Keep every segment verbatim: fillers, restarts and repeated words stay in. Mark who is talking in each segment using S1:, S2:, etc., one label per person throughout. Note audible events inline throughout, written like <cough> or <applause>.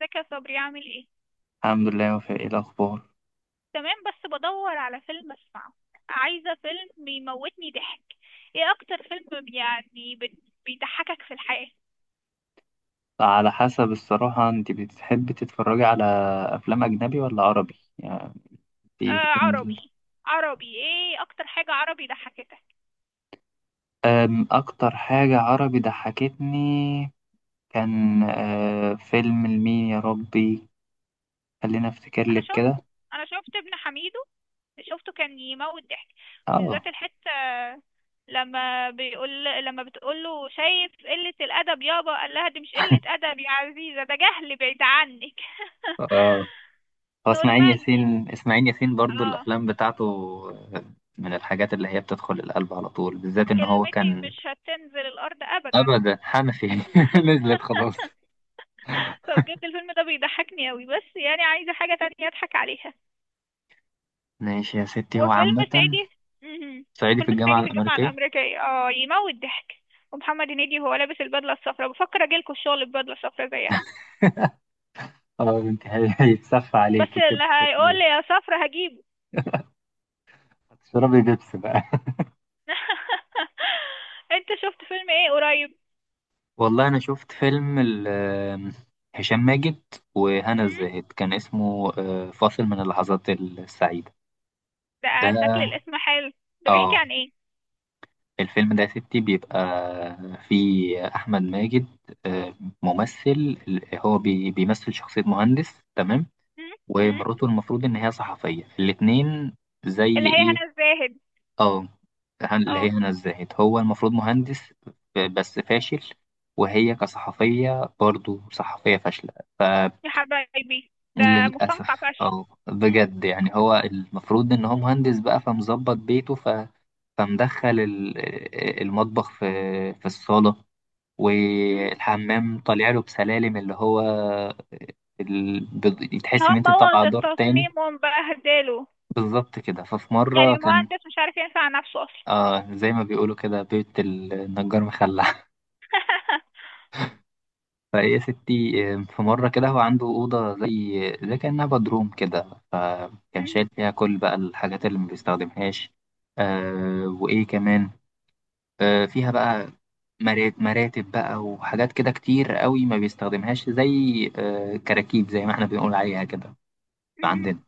S1: ازيك يا صبري؟ عامل ايه؟
S2: الحمد لله وفاء، ايه الاخبار؟
S1: تمام، بس بدور على فيلم اسمعه. عايزه فيلم يموتني ضحك. ايه اكتر فيلم يعني بت- بيضحكك في الحياه؟
S2: على حسب، الصراحه انت بتحبي تتفرجي على افلام اجنبي ولا عربي يعني؟
S1: آه،
S2: في إن-
S1: عربي. عربي، ايه اكتر حاجه عربي ضحكتك؟
S2: أم، اكتر حاجه عربي ضحكتني كان آه، فيلم لمين يا ربي؟ خلينا افتكر
S1: انا
S2: لك
S1: شفت
S2: كده.
S1: انا شفت ابن حميدو. شفته كان يموت ضحك.
S2: اه.
S1: وبالذات الحته لما بيقول لما بتقول له: شايف قله الادب يابا؟ قال لها: دي مش قله ادب يا عزيزه، ده جهل بعيد عنك. <laughs>
S2: آه، هو اسماعيل
S1: نورماندي.
S2: ياسين. اسماعيل ياسين برضو
S1: اه.
S2: الافلام بتاعته آه، من الحاجات اللي هي بتدخل القلب على طول، بالذات ان هو
S1: كلمتي
S2: كان.
S1: مش هتنزل الأرض أبدا.
S2: ابدا حنفي <laughs> نزلت خلاص.
S1: <laughs> فبجد الفيلم ده بيضحكني أوي، بس يعني عايزة حاجة تانية أضحك عليها.
S2: ماشي يا ستي، هو
S1: وفيلم
S2: عامة
S1: صعيدي مهم.
S2: صعيدي في
S1: فيلم
S2: الجامعة
S1: صعيدي في الجامعة
S2: الأمريكية.
S1: الأمريكية، اه، يموت ضحك. ومحمد هنيدي وهو لابس البدلة الصفراء، بفكر أجيلكوا الشغل ببدلة صفراء زيها.
S2: اه انت هي- هيتصفى <laughs>
S1: بس
S2: عليك كده
S1: اللي
S2: اليوم.
S1: هيقول لي يا صفرا هجيبه.
S2: هتشربي بيبس بقى <laughs>
S1: <laughs> انت شفت فيلم ايه قريب؟
S2: والله أنا شفت فيلم ال- آم، هشام ماجد وهنا
S1: مم؟
S2: الزاهد، كان اسمه آه، فاصل من اللحظات السعيدة.
S1: ده؟
S2: ده
S1: شكل الاسم حلو. ده بيحكي
S2: اه
S1: عن ايه؟
S2: الفيلم ده يا ستي بيبقى فيه أحمد ماجد، آه، ممثل. هو بي- بيمثل شخصية مهندس، تمام،
S1: مم؟ مم؟
S2: ومراته المفروض إن هي صحفية، الاتنين زي
S1: اللي هي
S2: إيه.
S1: هنا الزاهد.
S2: اه، هن- اللي هي
S1: اه.
S2: هنا الزاهد، هو المفروض مهندس بس فاشل، وهي كصحفية برضو صحفية فاشلة.
S1: يا حبايبي ده. مستنقع
S2: فللأسف
S1: فشل.
S2: اه
S1: مم.
S2: بجد، يعني هو المفروض إن هو مهندس بقى، فمظبط بيته ف... فمدخل ال- المطبخ في في الصالة،
S1: مم.
S2: والحمام طالع له بسلالم اللي هو ال... بت-
S1: اللي
S2: تحس
S1: هو
S2: إن أنت طالعة
S1: مبوظ
S2: دور تاني.
S1: التصميم ومبهدله.
S2: بالظبط كده. ففي
S1: يعني
S2: مرة كان
S1: المهندس مش عارف ينفع نفسه اصلا.
S2: آه، زي ما بيقولوا كده بيت النجار مخلع.
S1: <laughs>
S2: فهي ستي آه، في مرة كده هو عنده أوضة زي زي كأنها بدروم كده، فكان شايل
S1: مم.
S2: فيها كل بقى الحاجات اللي ما بيستخدمهاش. آه وإيه كمان، آه فيها بقى مرات- مراتب بقى وحاجات كده كتير قوي ما بيستخدمهاش، زي آه كراكيب زي ما احنا بنقول عليها كده
S1: مم.
S2: عندنا.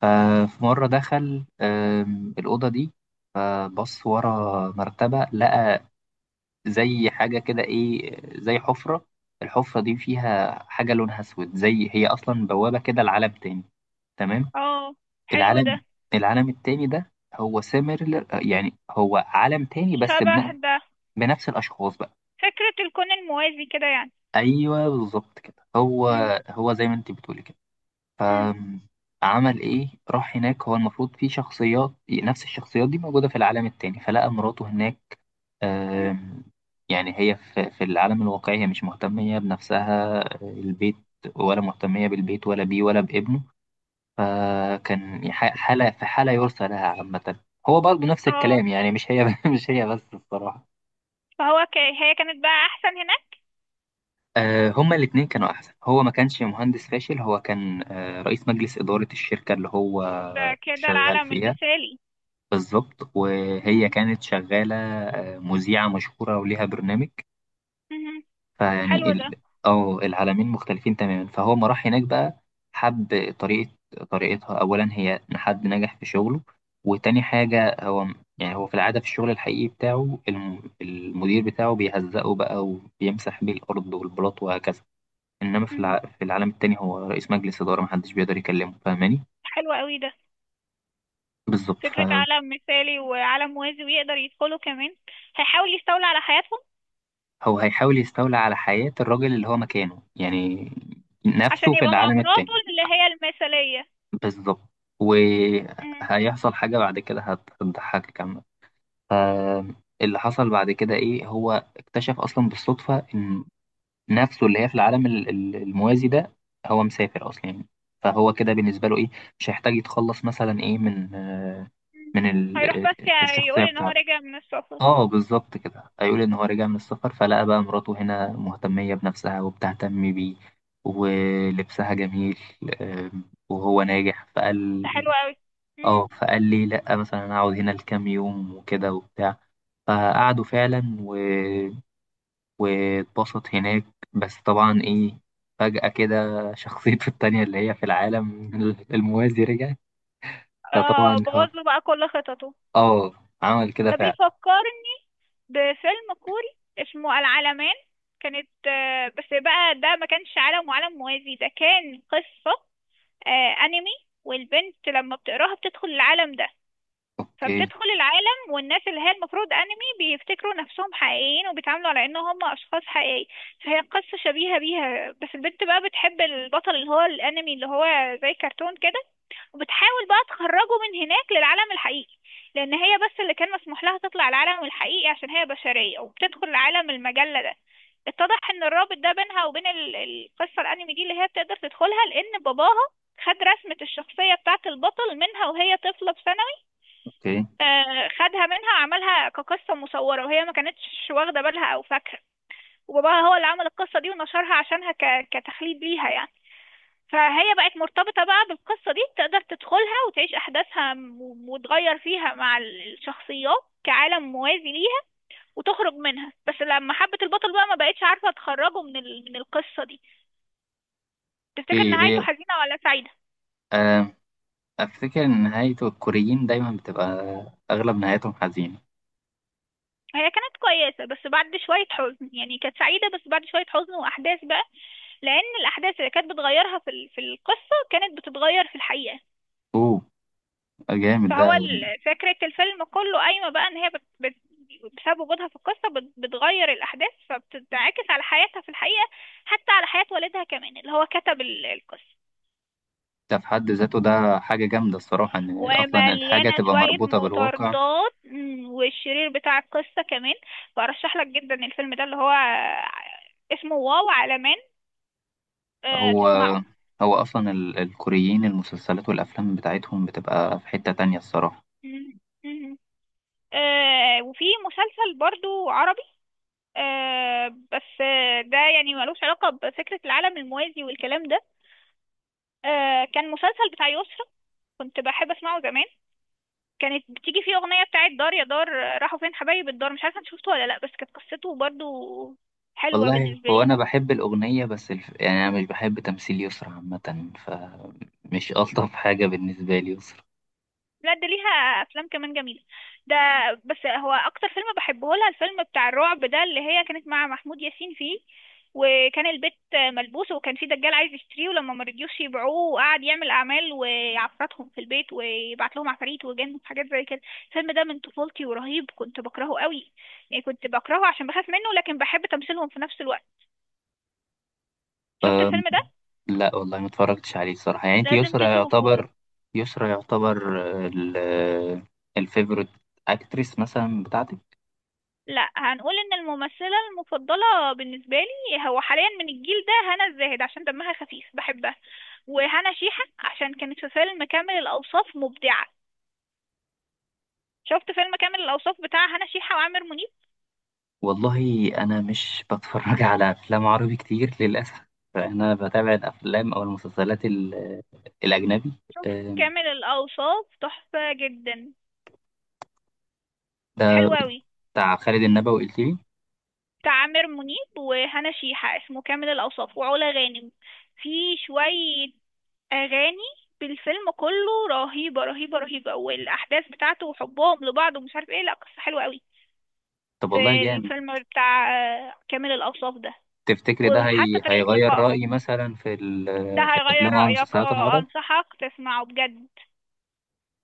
S2: ففي مرة دخل آه الأوضة دي، فبص ورا مرتبة لقى زي حاجة كده إيه، زي حفرة. الحفرة دي فيها حاجة لونها أسود، زي هي أصلا بوابة كده لعالم تاني، تمام.
S1: اه، حلو ده.
S2: العالم العالم التاني ده هو سيميلر، يعني هو عالم تاني بس
S1: شبه
S2: بن-
S1: ده.
S2: بنفس الأشخاص بقى.
S1: فكرة الكون الموازي كده يعني.
S2: أيوه بالظبط كده هو،
S1: مم.
S2: هو زي ما أنت بتقولي كده.
S1: مم.
S2: فعمل إيه؟ راح هناك. هو المفروض في شخصيات، نفس الشخصيات دي موجودة في العالم التاني، فلقى مراته هناك.
S1: مم.
S2: آم، يعني هي في في العالم الواقعي هي مش مهتمية بنفسها آه، البيت، ولا مهتمية بالبيت ولا بيه ولا بابنه. فكان ح- حالة في حالة يرثى لها عامة. هو برضه نفس
S1: اه،
S2: الكلام، يعني مش هي <laughs> مش هي بس الصراحة.
S1: فهو ك... هي كانت بقى احسن هناك.
S2: آه، هما الاتنين كانوا أحسن. هو ما كانش مهندس فاشل، هو كان آه، رئيس مجلس إدارة الشركة اللي هو
S1: ده كده
S2: شغال
S1: العالم
S2: فيها.
S1: المثالي.
S2: بالظبط. وهي
S1: مم.
S2: كانت شغالة آه، مذيعة مشهورة وليها برنامج.
S1: مم.
S2: فيعني
S1: حلو ده.
S2: ال... اه العالمين مختلفين تماما. فهو ما راح هناك بقى، حب طريقة طريقتها، أولا هي إن حد نجح في شغله، وتاني حاجة هو، يعني هو في العادة في الشغل الحقيقي بتاعه الم... المدير بتاعه بيهزقه بقى وبيمسح بيه الأرض والبلاط وهكذا. إنما في، الع...
S1: مم.
S2: في العالم التاني هو رئيس مجلس إدارة، محدش بيقدر يكلمه، فاهماني؟
S1: حلو قوي ده.
S2: بالظبط.
S1: فكرة
S2: فهو
S1: عالم مثالي وعالم موازي، ويقدر يدخله كمان. هيحاول يستولى على حياتهم.
S2: هيحاول يستولى على حياة الراجل اللي هو مكانه، يعني
S1: عشان
S2: نفسه في
S1: يبقى مع
S2: العالم
S1: مراته
S2: التاني.
S1: اللي هي المثالية.
S2: بالظبط.
S1: مم.
S2: وهيحصل حاجة بعد كده هت- هتضحكك كمان. فاللي حصل بعد كده إيه، هو اكتشف أصلا بالصدفة إن نفسه اللي هي في العالم ال- ال- الموازي ده هو مسافر أصلا يعني. فهو كده بالنسبة له إيه، مش هيحتاج يتخلص مثلا إيه من آه، من
S1: مم. هيروح
S2: ال-
S1: بس
S2: الشخصية
S1: يقول ان هو
S2: بتاعته.
S1: راجع من السفر.
S2: اه بالظبط كده، هيقول ان هو رجع من السفر، فلقى بقى مراته هنا مهتمية بنفسها وبتهتم بيه ولبسها جميل، آم، وهو ناجح. فقال
S1: ده حلو قوي. مم.
S2: اه، فقال لي لا مثلا انا هقعد هنا لكام يوم وكده وبتاع. فقعدوا فعلا و... واتبسط هناك. بس طبعا ايه، فجأة كده شخصيته <laughs> التانية اللي هي في العالم الموازي رجعت. فطبعا
S1: آه،
S2: اه،
S1: بوظ له بقى كل خططه.
S2: اه عمل كده
S1: ده
S2: فعلا.
S1: بيفكرني بفيلم كوري اسمه العالمين. كانت آه بس بقى ده ما كانش عالم وعالم موازي، ده كان قصة آه انمي. والبنت لما بتقراها بتدخل العالم ده.
S2: اوكي.
S1: فبتدخل العالم، والناس اللي هي المفروض انمي بيفتكروا نفسهم حقيقيين وبيتعاملوا على ان هم اشخاص حقيقيين. فهي قصة شبيهة بيها، بس البنت بقى بتحب البطل اللي هو الانمي، اللي هو زي كرتون كده. وبتحاول بقى تخرجه من هناك للعالم الحقيقي. لان هي بس اللي كان مسموح لها تطلع العالم الحقيقي عشان هي بشرية، وبتدخل عالم المجلة ده. اتضح ان الرابط ده بينها وبين ال- القصة الانمي دي اللي هي بتقدر تدخلها لان باباها خد رسمة الشخصية بتاعة البطل منها وهي طفلة بسنة.
S2: اوكي.
S1: آه، خدها منها وعملها كقصة مصورة، وهي ما كانتش واخدة بالها أو فاكرة. وباباها هو اللي عمل القصة دي ونشرها عشانها ك... كتخليد ليها يعني. فهي بقت مرتبطة بقى بالقصة دي، تقدر تدخلها وتعيش أحداثها م- وتغير فيها مع ال- الشخصيات كعالم موازي ليها. وتخرج منها، بس لما حبت البطل بقى ما بقتش عارفة تخرجه من ال... من القصة دي. تفتكر
S2: ايه
S1: نهايته
S2: هي؟
S1: حزينة ولا سعيدة؟
S2: آه، افتكر ان نهايته، الكوريين دايما بتبقى اغلب نهايتهم حزينة.
S1: هي كانت كويسة بس بعد شوية حزن، يعني كانت سعيدة بس بعد شوية حزن وأحداث بقى. لان الاحداث اللي كانت بتغيرها في ال- في القصه كانت بتتغير في الحقيقه.
S2: اوه جامد ده.
S1: فهو ال- فكره الفيلم كله قايمه بقى ان هي بت... بت... بسبب وجودها في القصه بت... بتغير الاحداث فبتنعكس على حياتها في الحقيقه. حتى على حياه والدها كمان اللي هو كتب ال- القصه.
S2: ده في حد ذاته ده حاجة جامدة الصراحة، ان اصلا الحاجة
S1: ومليانه
S2: تبقى
S1: شويه
S2: مربوطة بالواقع.
S1: مطاردات، مم، والشرير بتاع القصه كمان. فارشح لك جدا الفيلم ده اللي هو اسمه واو على من. آه،
S2: هو
S1: تسمعه.
S2: هو أصلا ال- الكوريين المسلسلات والأفلام بتاعتهم بتبقى في حتة تانية الصراحة.
S1: مم، مم. آه، وفي مسلسل برضو عربي. آه بس آه، ده يعني ملوش علاقة بفكرة العالم الموازي والكلام ده. آه كان مسلسل بتاع يسرا. كنت بحب اسمعه زمان. كانت بتيجي فيه أغنية بتاعت دار يا دار، آه، راحوا فين حبايب الدار؟ مش عارفة انت شفته ولا لأ، بس كانت قصته برضو حلوة
S2: والله
S1: بالنسبة
S2: هو
S1: لي.
S2: أنا بحب الأغنية بس الف... يعني أنا مش بحب تمثيل يسرا عامة، فمش ألطف حاجة بالنسبة لي يسرا.
S1: لا، ده ليها افلام كمان جميله. ده. بس هو اكتر فيلم بحبه لها الفيلم بتاع الرعب ده اللي هي كانت مع محمود ياسين فيه. وكان البيت ملبوس، وكان في دجال عايز يشتريه، ولما مرضيوش يبيعوه وقعد يعمل اعمال ويعفرتهم في البيت ويبعت لهم عفاريت وجن وحاجات زي كده. الفيلم ده من طفولتي ورهيب، كنت بكرهه قوي. يعني كنت بكرهه عشان بخاف منه، لكن بحب تمثيلهم في نفس الوقت. شفت الفيلم ده؟
S2: لا والله ما اتفرجتش عليه الصراحة. يعني أنت
S1: لازم
S2: يسرا
S1: تشوفه.
S2: يعتبر، يسرا يعتبر ال... الفيفوريت أكتريس مثلا بتاعتك؟
S1: لا، هنقول ان الممثله المفضله بالنسبه لي هو حاليا من الجيل ده هنا الزاهد عشان دمها خفيف بحبها. وهنا شيحه عشان كانت في فيلم كامل الاوصاف مبدعه. شفت فيلم كامل الاوصاف بتاع هنا شيحه وعامر منيب؟
S2: والله انا مش بتفرج على افلام عربي كتير للاسف. انا بتابع الافلام او المسلسلات ال- الاجنبي.
S1: شوف.
S2: أم،
S1: كامل الاوصاف تحفه جدا.
S2: ده
S1: حلو قوي.
S2: بتاع خالد النبوي قلت لي؟
S1: بتاع عامر منيب وهنا شيحه، اسمه كامل الاوصاف، وعلا غانم. في شويه اغاني بالفيلم كله رهيبه رهيبه رهيبه، والاحداث بتاعته وحبهم لبعض ومش عارف ايه، لا قصه حلوه قوي.
S2: طب والله
S1: في
S2: جامد.
S1: الفيلم بتاع آه، كامل الأوصاف ده.
S2: تفتكري ده
S1: وحتى
S2: هي...
S1: طريقة
S2: هيغير
S1: لقائهم.
S2: رايي مثلا في ال...
S1: ده
S2: في
S1: هيغير
S2: الافلام او
S1: رأيك،
S2: المسلسلات
S1: اه
S2: العرب؟
S1: أنصحك تسمعه بجد.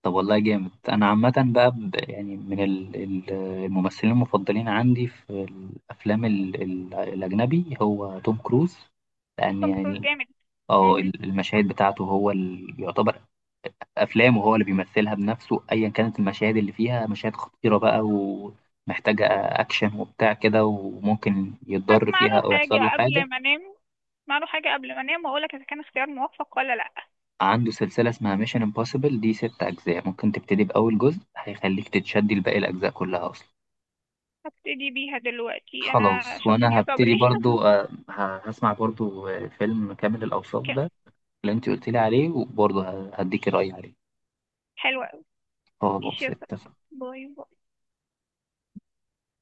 S2: طب والله جامد. انا عامه بقى ب... يعني من ال... ال- الممثلين المفضلين عندي في الافلام ال... ال... الاجنبي هو توم كروز، لان
S1: توم
S2: يعني
S1: كروز
S2: ال-
S1: جامد.
S2: اه
S1: مهم.
S2: المشاهد بتاعته هو ال... يعتبر افلام وهو اللي بيمثلها بنفسه، ايا كانت المشاهد اللي فيها مشاهد خطيره بقى ومحتاجه اكشن وبتاع كده، وممكن يتضر
S1: هسمع
S2: فيها
S1: له
S2: او
S1: حاجة
S2: يحصل له حاجه.
S1: قبل ما أنام هسمع له حاجة قبل ما أنام وأقولك إذا كان اختيار موفق ولا لأ.
S2: عنده سلسله اسمها ميشن امبوسيبل، دي ستة اجزاء، ممكن تبتدي باول جزء هيخليك تتشدي لباقي الاجزاء كلها اصلا.
S1: هبتدي بيها دلوقتي أنا،
S2: خلاص.
S1: شكرا
S2: وانا
S1: يا
S2: هبتدي
S1: صبري.
S2: برضو آه، ه- هسمع برضو آه، فيلم كامل
S1: <laughs>
S2: الاوصاف
S1: كان
S2: ده اللي انت قلت لي عليه، وبرضو ه- هديكي رايي عليه.
S1: حلوة أوي. ماشي
S2: خلاص
S1: يا صبري.
S2: اتفقنا.
S1: باي باي.